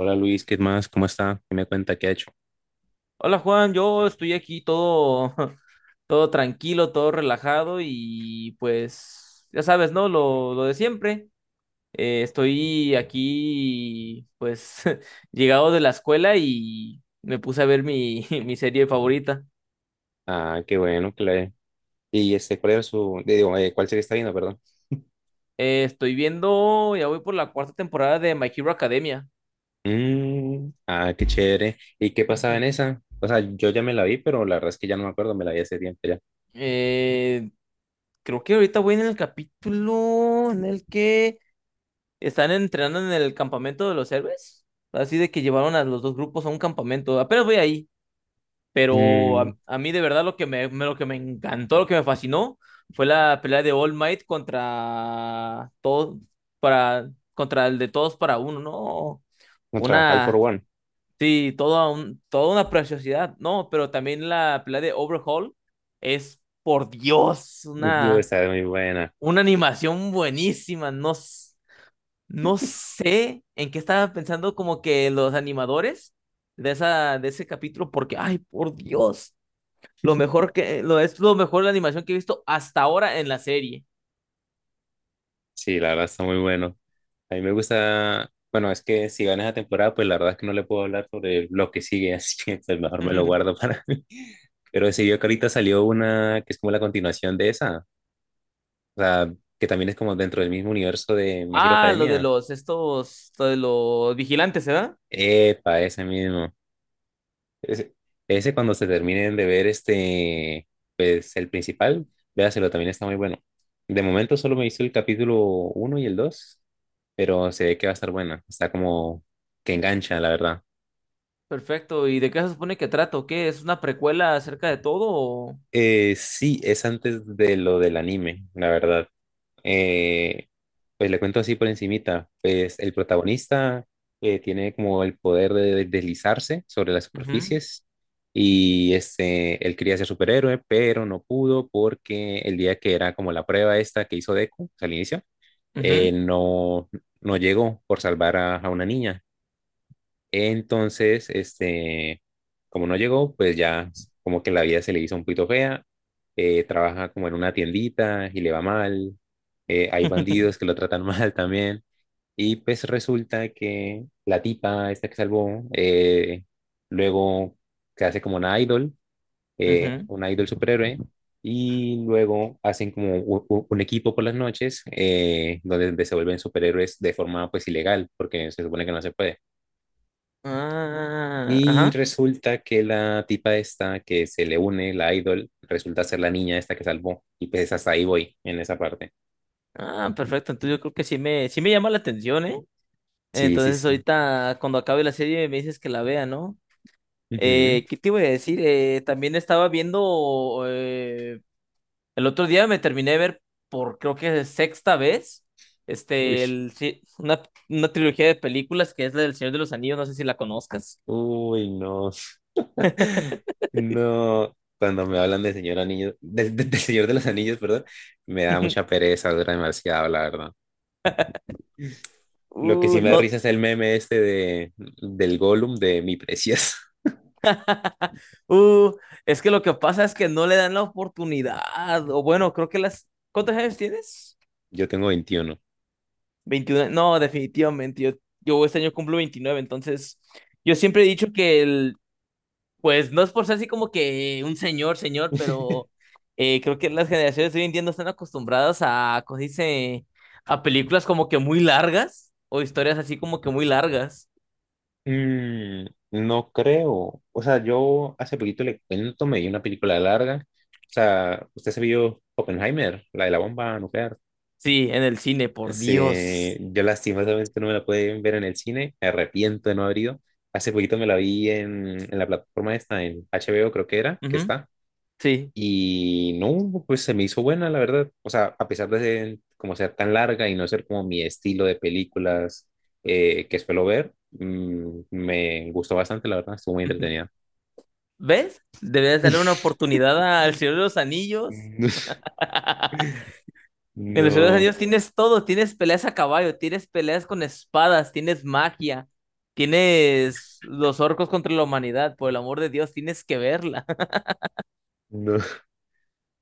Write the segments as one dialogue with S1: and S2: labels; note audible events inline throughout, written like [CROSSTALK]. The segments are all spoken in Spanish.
S1: Hola Luis, ¿qué más? ¿Cómo está? ¿Qué me cuenta? ¿Qué ha hecho?
S2: Hola Juan, yo estoy aquí todo, [LAUGHS] todo tranquilo, todo relajado y pues ya sabes, ¿no? Lo de siempre. Estoy aquí pues [LAUGHS] llegado de la escuela y me puse a ver [LAUGHS] mi serie favorita.
S1: Ah, qué bueno, que le... Y este, ¿cuál era su... de Digo, ¿cuál serie está viendo, perdón?
S2: Estoy viendo, ya voy por la cuarta temporada de My Hero Academia.
S1: Ah, qué chévere. ¿Y qué pasaba en
S2: [LAUGHS]
S1: esa? O sea, yo ya me la vi, pero la verdad es que ya no me acuerdo, me la vi hace tiempo ya.
S2: Eh, Creo que ahorita voy en el capítulo en el que están entrenando en el campamento de los héroes. Así de que llevaron a los dos grupos a un campamento. Apenas voy ahí, pero
S1: Mm,
S2: a mí de verdad lo que lo que me encantó, lo que me fascinó, fue la pelea de All Might contra todos, contra el de todos para uno, ¿no?
S1: otra, All for
S2: Una,
S1: One.
S2: sí, toda, un, toda una preciosidad, ¿no? Pero también la pelea de Overhaul por Dios,
S1: Yo, Está muy buena.
S2: una animación buenísima, no sé en qué estaban pensando como que los animadores de ese capítulo, porque, ay, por Dios, lo mejor que, lo, es lo mejor la animación que he visto hasta ahora en la serie.
S1: Sí, la verdad está muy bueno. A mí me gusta... Bueno, es que si gana esa temporada, pues la verdad es que no le puedo hablar sobre lo que sigue, [LAUGHS] así que pues, mejor me lo guardo
S2: [LAUGHS]
S1: para mí. Pero sí, yo que ahorita salió una que es como la continuación de esa. O sea, que también es como dentro del mismo universo de My Hero
S2: Ah,
S1: Academia.
S2: lo de los vigilantes, ¿verdad?
S1: Epa, ese mismo. Ese, ese cuando se terminen de ver este, pues el principal, véaselo, también está muy bueno. De momento solo me hizo el capítulo uno y el dos, pero se ve que va a estar buena. Está como que engancha, la verdad.
S2: Perfecto. ¿Y de qué se supone que trato? ¿Qué? ¿Es una precuela acerca de todo o...?
S1: Sí, es antes de lo del anime, la verdad. Eh, pues le cuento así por encimita. Pues el protagonista tiene como el poder de deslizarse sobre las
S2: Ujú,
S1: superficies y este, él quería ser superhéroe, pero no pudo porque el día que era como la prueba esta que hizo Deku, o sea, al inicio,
S2: ujú,
S1: no, no llegó por salvar a una niña. Entonces, este, como no llegó, pues ya como que la vida se le hizo un poquito fea. Trabaja como en una tiendita y le va mal. Hay bandidos que lo
S2: [LAUGHS]
S1: tratan [LAUGHS] mal también. Y pues resulta que la tipa, esta que salvó, luego se hace como
S2: ujú.
S1: una idol superhéroe. Y luego hacen como un equipo por las noches, donde se vuelven superhéroes de forma pues ilegal, porque se supone que no se puede.
S2: Ah,
S1: Y
S2: ajá.
S1: resulta que la tipa esta que se le une, la idol, resulta ser la niña esta que salvó. Y pues hasta ahí voy, en esa parte.
S2: Ah, perfecto. Entonces yo creo que sí me llama la atención, ¿eh?
S1: Sí, sí,
S2: Entonces
S1: sí.
S2: ahorita cuando acabe la serie me dices que la vea, ¿no?
S1: Ujú.
S2: ¿Qué te iba a decir? También estaba viendo, el otro día me terminé de ver por creo que sexta vez,
S1: Uy,
S2: este, el, sí, una, una trilogía de películas que es la del Señor de los Anillos, no sé si la conozcas.
S1: no. [LAUGHS] No, cuando me hablan de señor anillo, de señor de los anillos, perdón, me da mucha
S2: [LAUGHS]
S1: pereza, dura demasiado, la verdad. Lo que sí me da
S2: No,
S1: risa es el meme este de, del Gollum de mi preciosa.
S2: [LAUGHS] uh, es que lo que pasa es que no le dan la oportunidad, o bueno, creo que las... ¿Cuántos años tienes?
S1: [LAUGHS] Yo tengo 21.
S2: 21 no, definitivamente, yo este año cumplo 29 entonces yo siempre he dicho que el, pues no es por ser así como que un señor, señor, pero creo que las generaciones de hoy en día no están acostumbradas a, ¿cómo se dice? A películas como que muy largas o historias así como que muy largas.
S1: Mm, no creo. O sea, yo hace poquito le cuento, me vi una película larga. O sea, usted se vio Oppenheimer, la de la bomba nuclear.
S2: Sí, en el cine, por
S1: Sí,
S2: Dios.
S1: yo lastimosamente no me la pude ver en el cine, me arrepiento de no haber ido. Hace poquito me la vi en la plataforma esta, en HBO creo que era, que
S2: Ujú,
S1: está.
S2: sí.
S1: Y no, pues se me hizo buena, la verdad. O sea, a pesar de ser, como ser tan larga y no ser como mi estilo de películas que suelo ver, me gustó bastante, la verdad, estuvo muy entretenida.
S2: [LAUGHS] ¿Ves? Debes darle una
S1: [LAUGHS]
S2: oportunidad al Señor de los Anillos.
S1: No,
S2: [LAUGHS] En los Ciudadanos Anillos tienes todo, tienes peleas a caballo, tienes peleas con espadas, tienes magia, tienes los orcos contra la humanidad, por el amor de Dios, tienes que verla. [LAUGHS]
S1: no.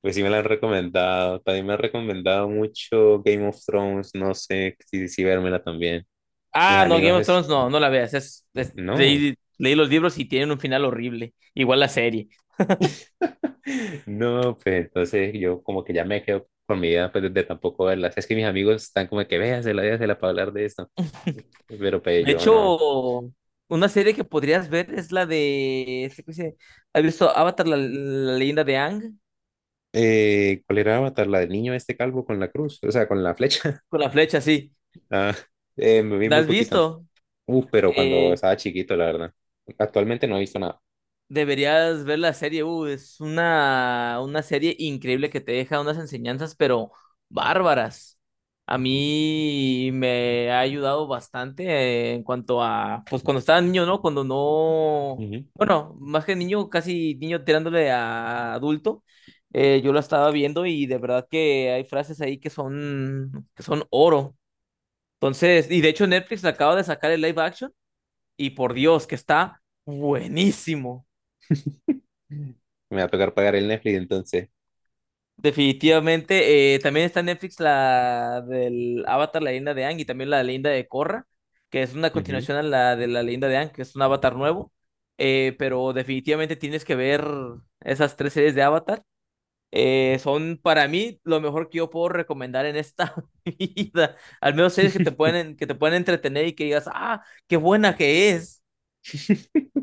S1: Pues sí me la han recomendado. También me han recomendado mucho Game of Thrones. No sé si, si vérmela también. Mis
S2: Ah, no, Game
S1: amigos,
S2: of
S1: es...
S2: Thrones no, no la veas,
S1: no.
S2: leí los libros y tienen un final horrible, igual la serie.
S1: No, pues entonces yo como que ya me quedo con mi idea pues, de tampoco verlas. Es que mis amigos están como que véasela, véasela para hablar de esto. Pero pues
S2: De
S1: yo no.
S2: hecho, una serie que podrías ver es la de, ¿cómo se dice? ¿Has visto Avatar, la leyenda de Aang?
S1: ¿Cuál era Avatar? La del niño este calvo con la cruz, o sea, con la flecha. [LAUGHS]
S2: Con la flecha, sí.
S1: Ah, me vi
S2: ¿La
S1: muy
S2: has
S1: poquito.
S2: visto?
S1: Uf, pero cuando
S2: Eh,
S1: estaba chiquito, la verdad. Actualmente no he visto nada.
S2: Deberías ver la serie, una serie increíble que te deja unas enseñanzas, pero bárbaras. A mí me ha ayudado bastante en cuanto a, pues cuando estaba niño, ¿no? Cuando no,
S1: Ujú.
S2: bueno, más que niño, casi niño tirándole a adulto, yo la estaba viendo y de verdad que hay frases ahí que son oro. Entonces, y de hecho Netflix acaba de sacar el live action y por Dios que está buenísimo.
S1: Me va a tocar pagar el Netflix entonces.
S2: Definitivamente. También está en Netflix la del Avatar, la leyenda de Aang, y también la leyenda de Korra, que es una
S1: Ujú.
S2: continuación a la de la leyenda de Aang, que es un Avatar nuevo. Pero definitivamente tienes que ver esas tres series de Avatar. Son para mí lo mejor que yo puedo recomendar en esta [LAUGHS] vida. Al menos series que te pueden entretener y que digas, ah, qué buena que es.
S1: [LAUGHS]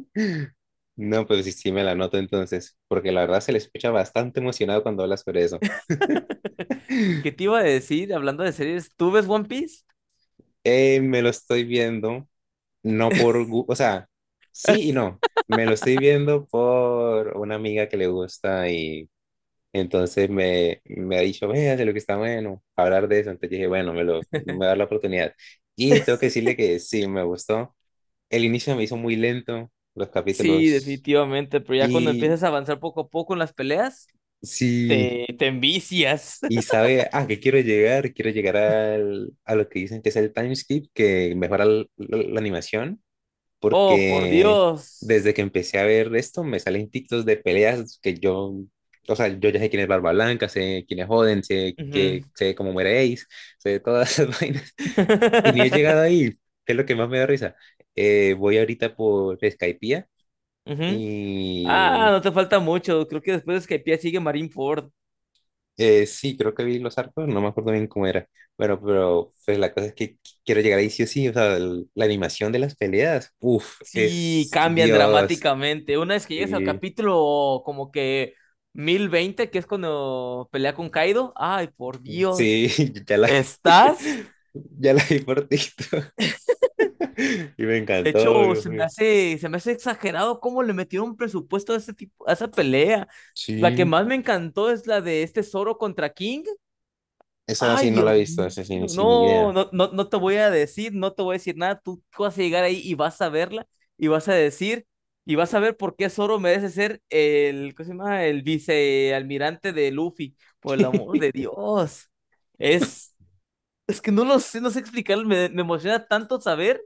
S1: No, pues sí, sí me la noto entonces, porque la verdad se le escucha bastante emocionado cuando habla sobre eso.
S2: ¿Qué te iba a decir hablando de series? ¿Tú ves One Piece?
S1: Me lo estoy viendo no por, o sea, sí y
S2: [LAUGHS]
S1: no. Me lo estoy viendo por una amiga que le gusta y entonces me ha dicho, véase lo que está bueno, hablar de eso. Entonces dije, bueno, me voy a dar la oportunidad. Y tengo que decirle que sí, me gustó. El inicio me hizo muy lento, los
S2: Sí,
S1: capítulos.
S2: definitivamente, pero ya cuando
S1: Y
S2: empiezas a avanzar poco a poco en las peleas,
S1: sí,
S2: te envicias.
S1: y
S2: [LAUGHS]
S1: sabe, ah, que quiero llegar al, a lo que dicen que es el time skip, que mejora la animación,
S2: Oh, por
S1: porque
S2: Dios.
S1: desde que empecé a ver esto me salen TikToks de peleas que yo, o sea, yo ya sé quién es Barba Blanca, sé quién es Joden,
S2: Ujú.
S1: sé cómo muere Ace, sé todas esas [LAUGHS] vainas. Y ni he llegado
S2: [LAUGHS]
S1: ahí, que es lo que más me da risa. Voy ahorita por Skypiea
S2: Ujú.
S1: y
S2: Ah, no te falta mucho. Creo que después de Skypiea sigue Marineford.
S1: sí, creo que vi los arcos, no me acuerdo bien cómo era. Bueno, pero pues la cosa es que quiero llegar ahí sí o sí, o sea, la animación de las peleas, uff,
S2: Sí,
S1: es
S2: cambian
S1: Dios,
S2: dramáticamente. Una vez que llegas al
S1: sí.
S2: capítulo como que 1020, que es cuando pelea con Kaido. Ay, por Dios.
S1: Sí, [LAUGHS] ya la, [LAUGHS]
S2: ¿Estás?
S1: ya la vi por TikTok [LAUGHS] y me
S2: De
S1: encantó,
S2: hecho,
S1: Dios mío.
S2: se me hace exagerado cómo le metieron presupuesto a ese tipo, a esa pelea. La que
S1: Sí,
S2: más me encantó es la de este Zoro contra King.
S1: esa
S2: Ay,
S1: sí no
S2: Dios
S1: la he visto,
S2: mío,
S1: esa sí, sin
S2: no,
S1: idea.
S2: no, no, no te voy a decir, no te voy a decir nada. Tú vas a llegar ahí y vas a verla y vas a decir y vas a ver por qué Zoro merece ser el, ¿cómo se llama? El vicealmirante de Luffy. Por el amor de
S1: [LAUGHS]
S2: Dios. Es, es que no lo sé, no sé explicarlo. Me emociona tanto saber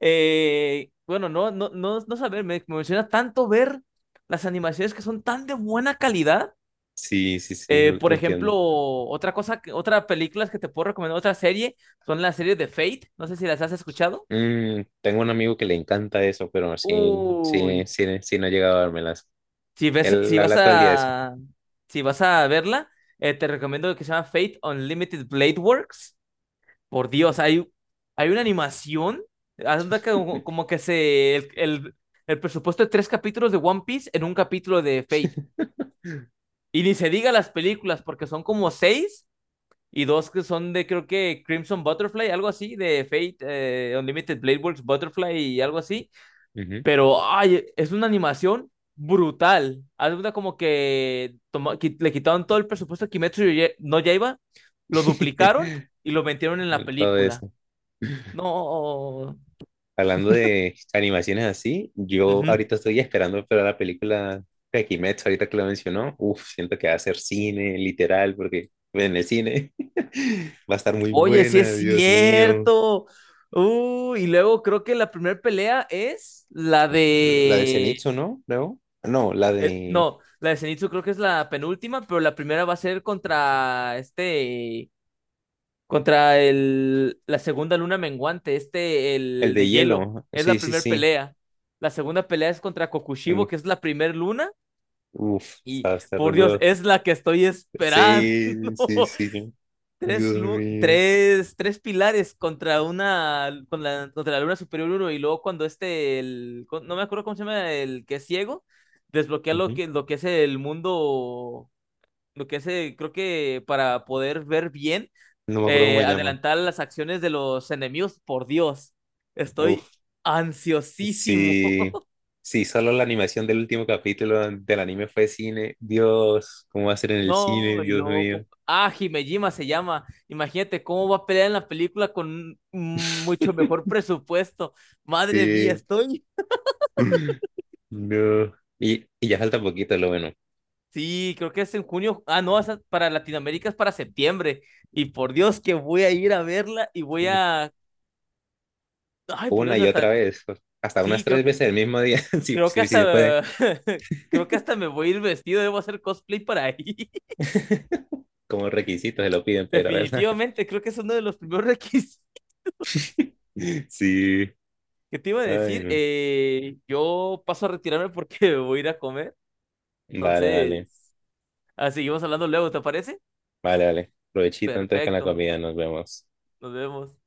S2: bueno, no, no, no, no saber, me emociona tanto ver las animaciones que son tan de buena calidad.
S1: Sí, sí, sí,
S2: Por
S1: lo
S2: ejemplo,
S1: entiendo.
S2: otra cosa, otra película que te puedo recomendar, otra serie, son las series de Fate. No sé si las has escuchado.
S1: Tengo un amigo que le encanta eso, pero sí,
S2: Uy,
S1: sí, sí, sí no ha llegado a dármelas. Él
S2: si vas
S1: habla todo el día de eso.
S2: a, si vas a verla, te recomiendo que se llama Fate Unlimited Blade Works. Por Dios, hay una animación. Haz de cuenta que como que se. El presupuesto de 3 capítulos de One Piece en un capítulo de Fate. Y ni se diga las películas, porque son como seis y dos que son de, creo que Crimson Butterfly, algo así, de Fate, Unlimited Blade Works Butterfly y algo así.
S1: Ujú.
S2: Pero, ay, es una animación brutal. Haz de cuenta como que le quitaron todo el presupuesto a Kimetsu no Yaiba, lo
S1: [LAUGHS]
S2: duplicaron y lo metieron en la
S1: Él todo
S2: película.
S1: eso.
S2: No,
S1: Hablando de animaciones así, yo
S2: ujú.
S1: ahorita estoy esperando para la película de Kimetsu, ahorita que lo mencionó. Uf, siento que va a ser cine, literal, porque en el cine [LAUGHS] va a estar muy
S2: Oye, sí es
S1: buena, Dios mío.
S2: cierto. Y luego creo que la primera pelea es la
S1: La de
S2: de...
S1: Zenitsu, ¿no? No, la de
S2: no, la de Zenitsu creo que es la penúltima, pero la primera va a ser contra este... Contra la segunda luna menguante, este,
S1: el
S2: el
S1: de
S2: de hielo.
S1: hielo.
S2: Es
S1: Sí,
S2: la
S1: sí,
S2: primera
S1: sí.
S2: pelea. La segunda pelea es contra
S1: Mm,
S2: Kokushibo, que es la primera luna.
S1: Uf,
S2: Y,
S1: va a estar re
S2: por Dios,
S1: duro.
S2: es la que estoy [LAUGHS] esperando.
S1: Sí, sí, sí.
S2: Tres,
S1: Dios
S2: lu-
S1: mío.
S2: tres, 3 pilares contra una, contra la luna superior uno, y luego cuando este, no me acuerdo cómo se llama, el que es ciego, desbloquea
S1: Ujú.
S2: lo que es el mundo, lo que es, creo que para poder ver bien,
S1: No me acuerdo cómo se llama.
S2: adelantar las acciones de los enemigos, por Dios, estoy
S1: Uf,
S2: ansiosísimo.
S1: sí, sí, solo la animación del último capítulo del anime fue cine. Dios, ¿cómo va a ser en el cine?
S2: No, y
S1: Dios
S2: luego,
S1: mío.
S2: ¿cómo? Ah, Himejima se llama. Imagínate cómo va a pelear en la película con un mucho
S1: [LAUGHS]
S2: mejor presupuesto. Madre mía,
S1: Sí.
S2: estoy.
S1: No. Y ya falta poquito, lo bueno.
S2: Sí, creo que es en junio. Ah, no, esa para Latinoamérica es para septiembre. Y por Dios que voy a ir a verla y voy a. Ay, por
S1: Una
S2: Dios,
S1: y otra
S2: hasta.
S1: vez, hasta unas
S2: Sí,
S1: tres veces el mismo día, [LAUGHS] si,
S2: creo que
S1: si, si se puede.
S2: hasta. [LAUGHS] Creo que hasta me voy a ir vestido, debo hacer cosplay para ahí.
S1: [LAUGHS] Como requisito se lo piden
S2: [LAUGHS]
S1: para ir a verla.
S2: Definitivamente, creo que es uno de los primeros [LAUGHS] requisitos.
S1: [LAUGHS] Sí.
S2: ¿Qué te iba a
S1: Ay,
S2: decir?
S1: no.
S2: Yo paso a retirarme porque [LAUGHS] voy a ir a comer.
S1: Vale, vale.
S2: Entonces, ah, seguimos hablando luego, ¿te parece?
S1: Vale, vale. Provechito entonces con la
S2: Perfecto.
S1: comida, nos vemos.
S2: Nos vemos.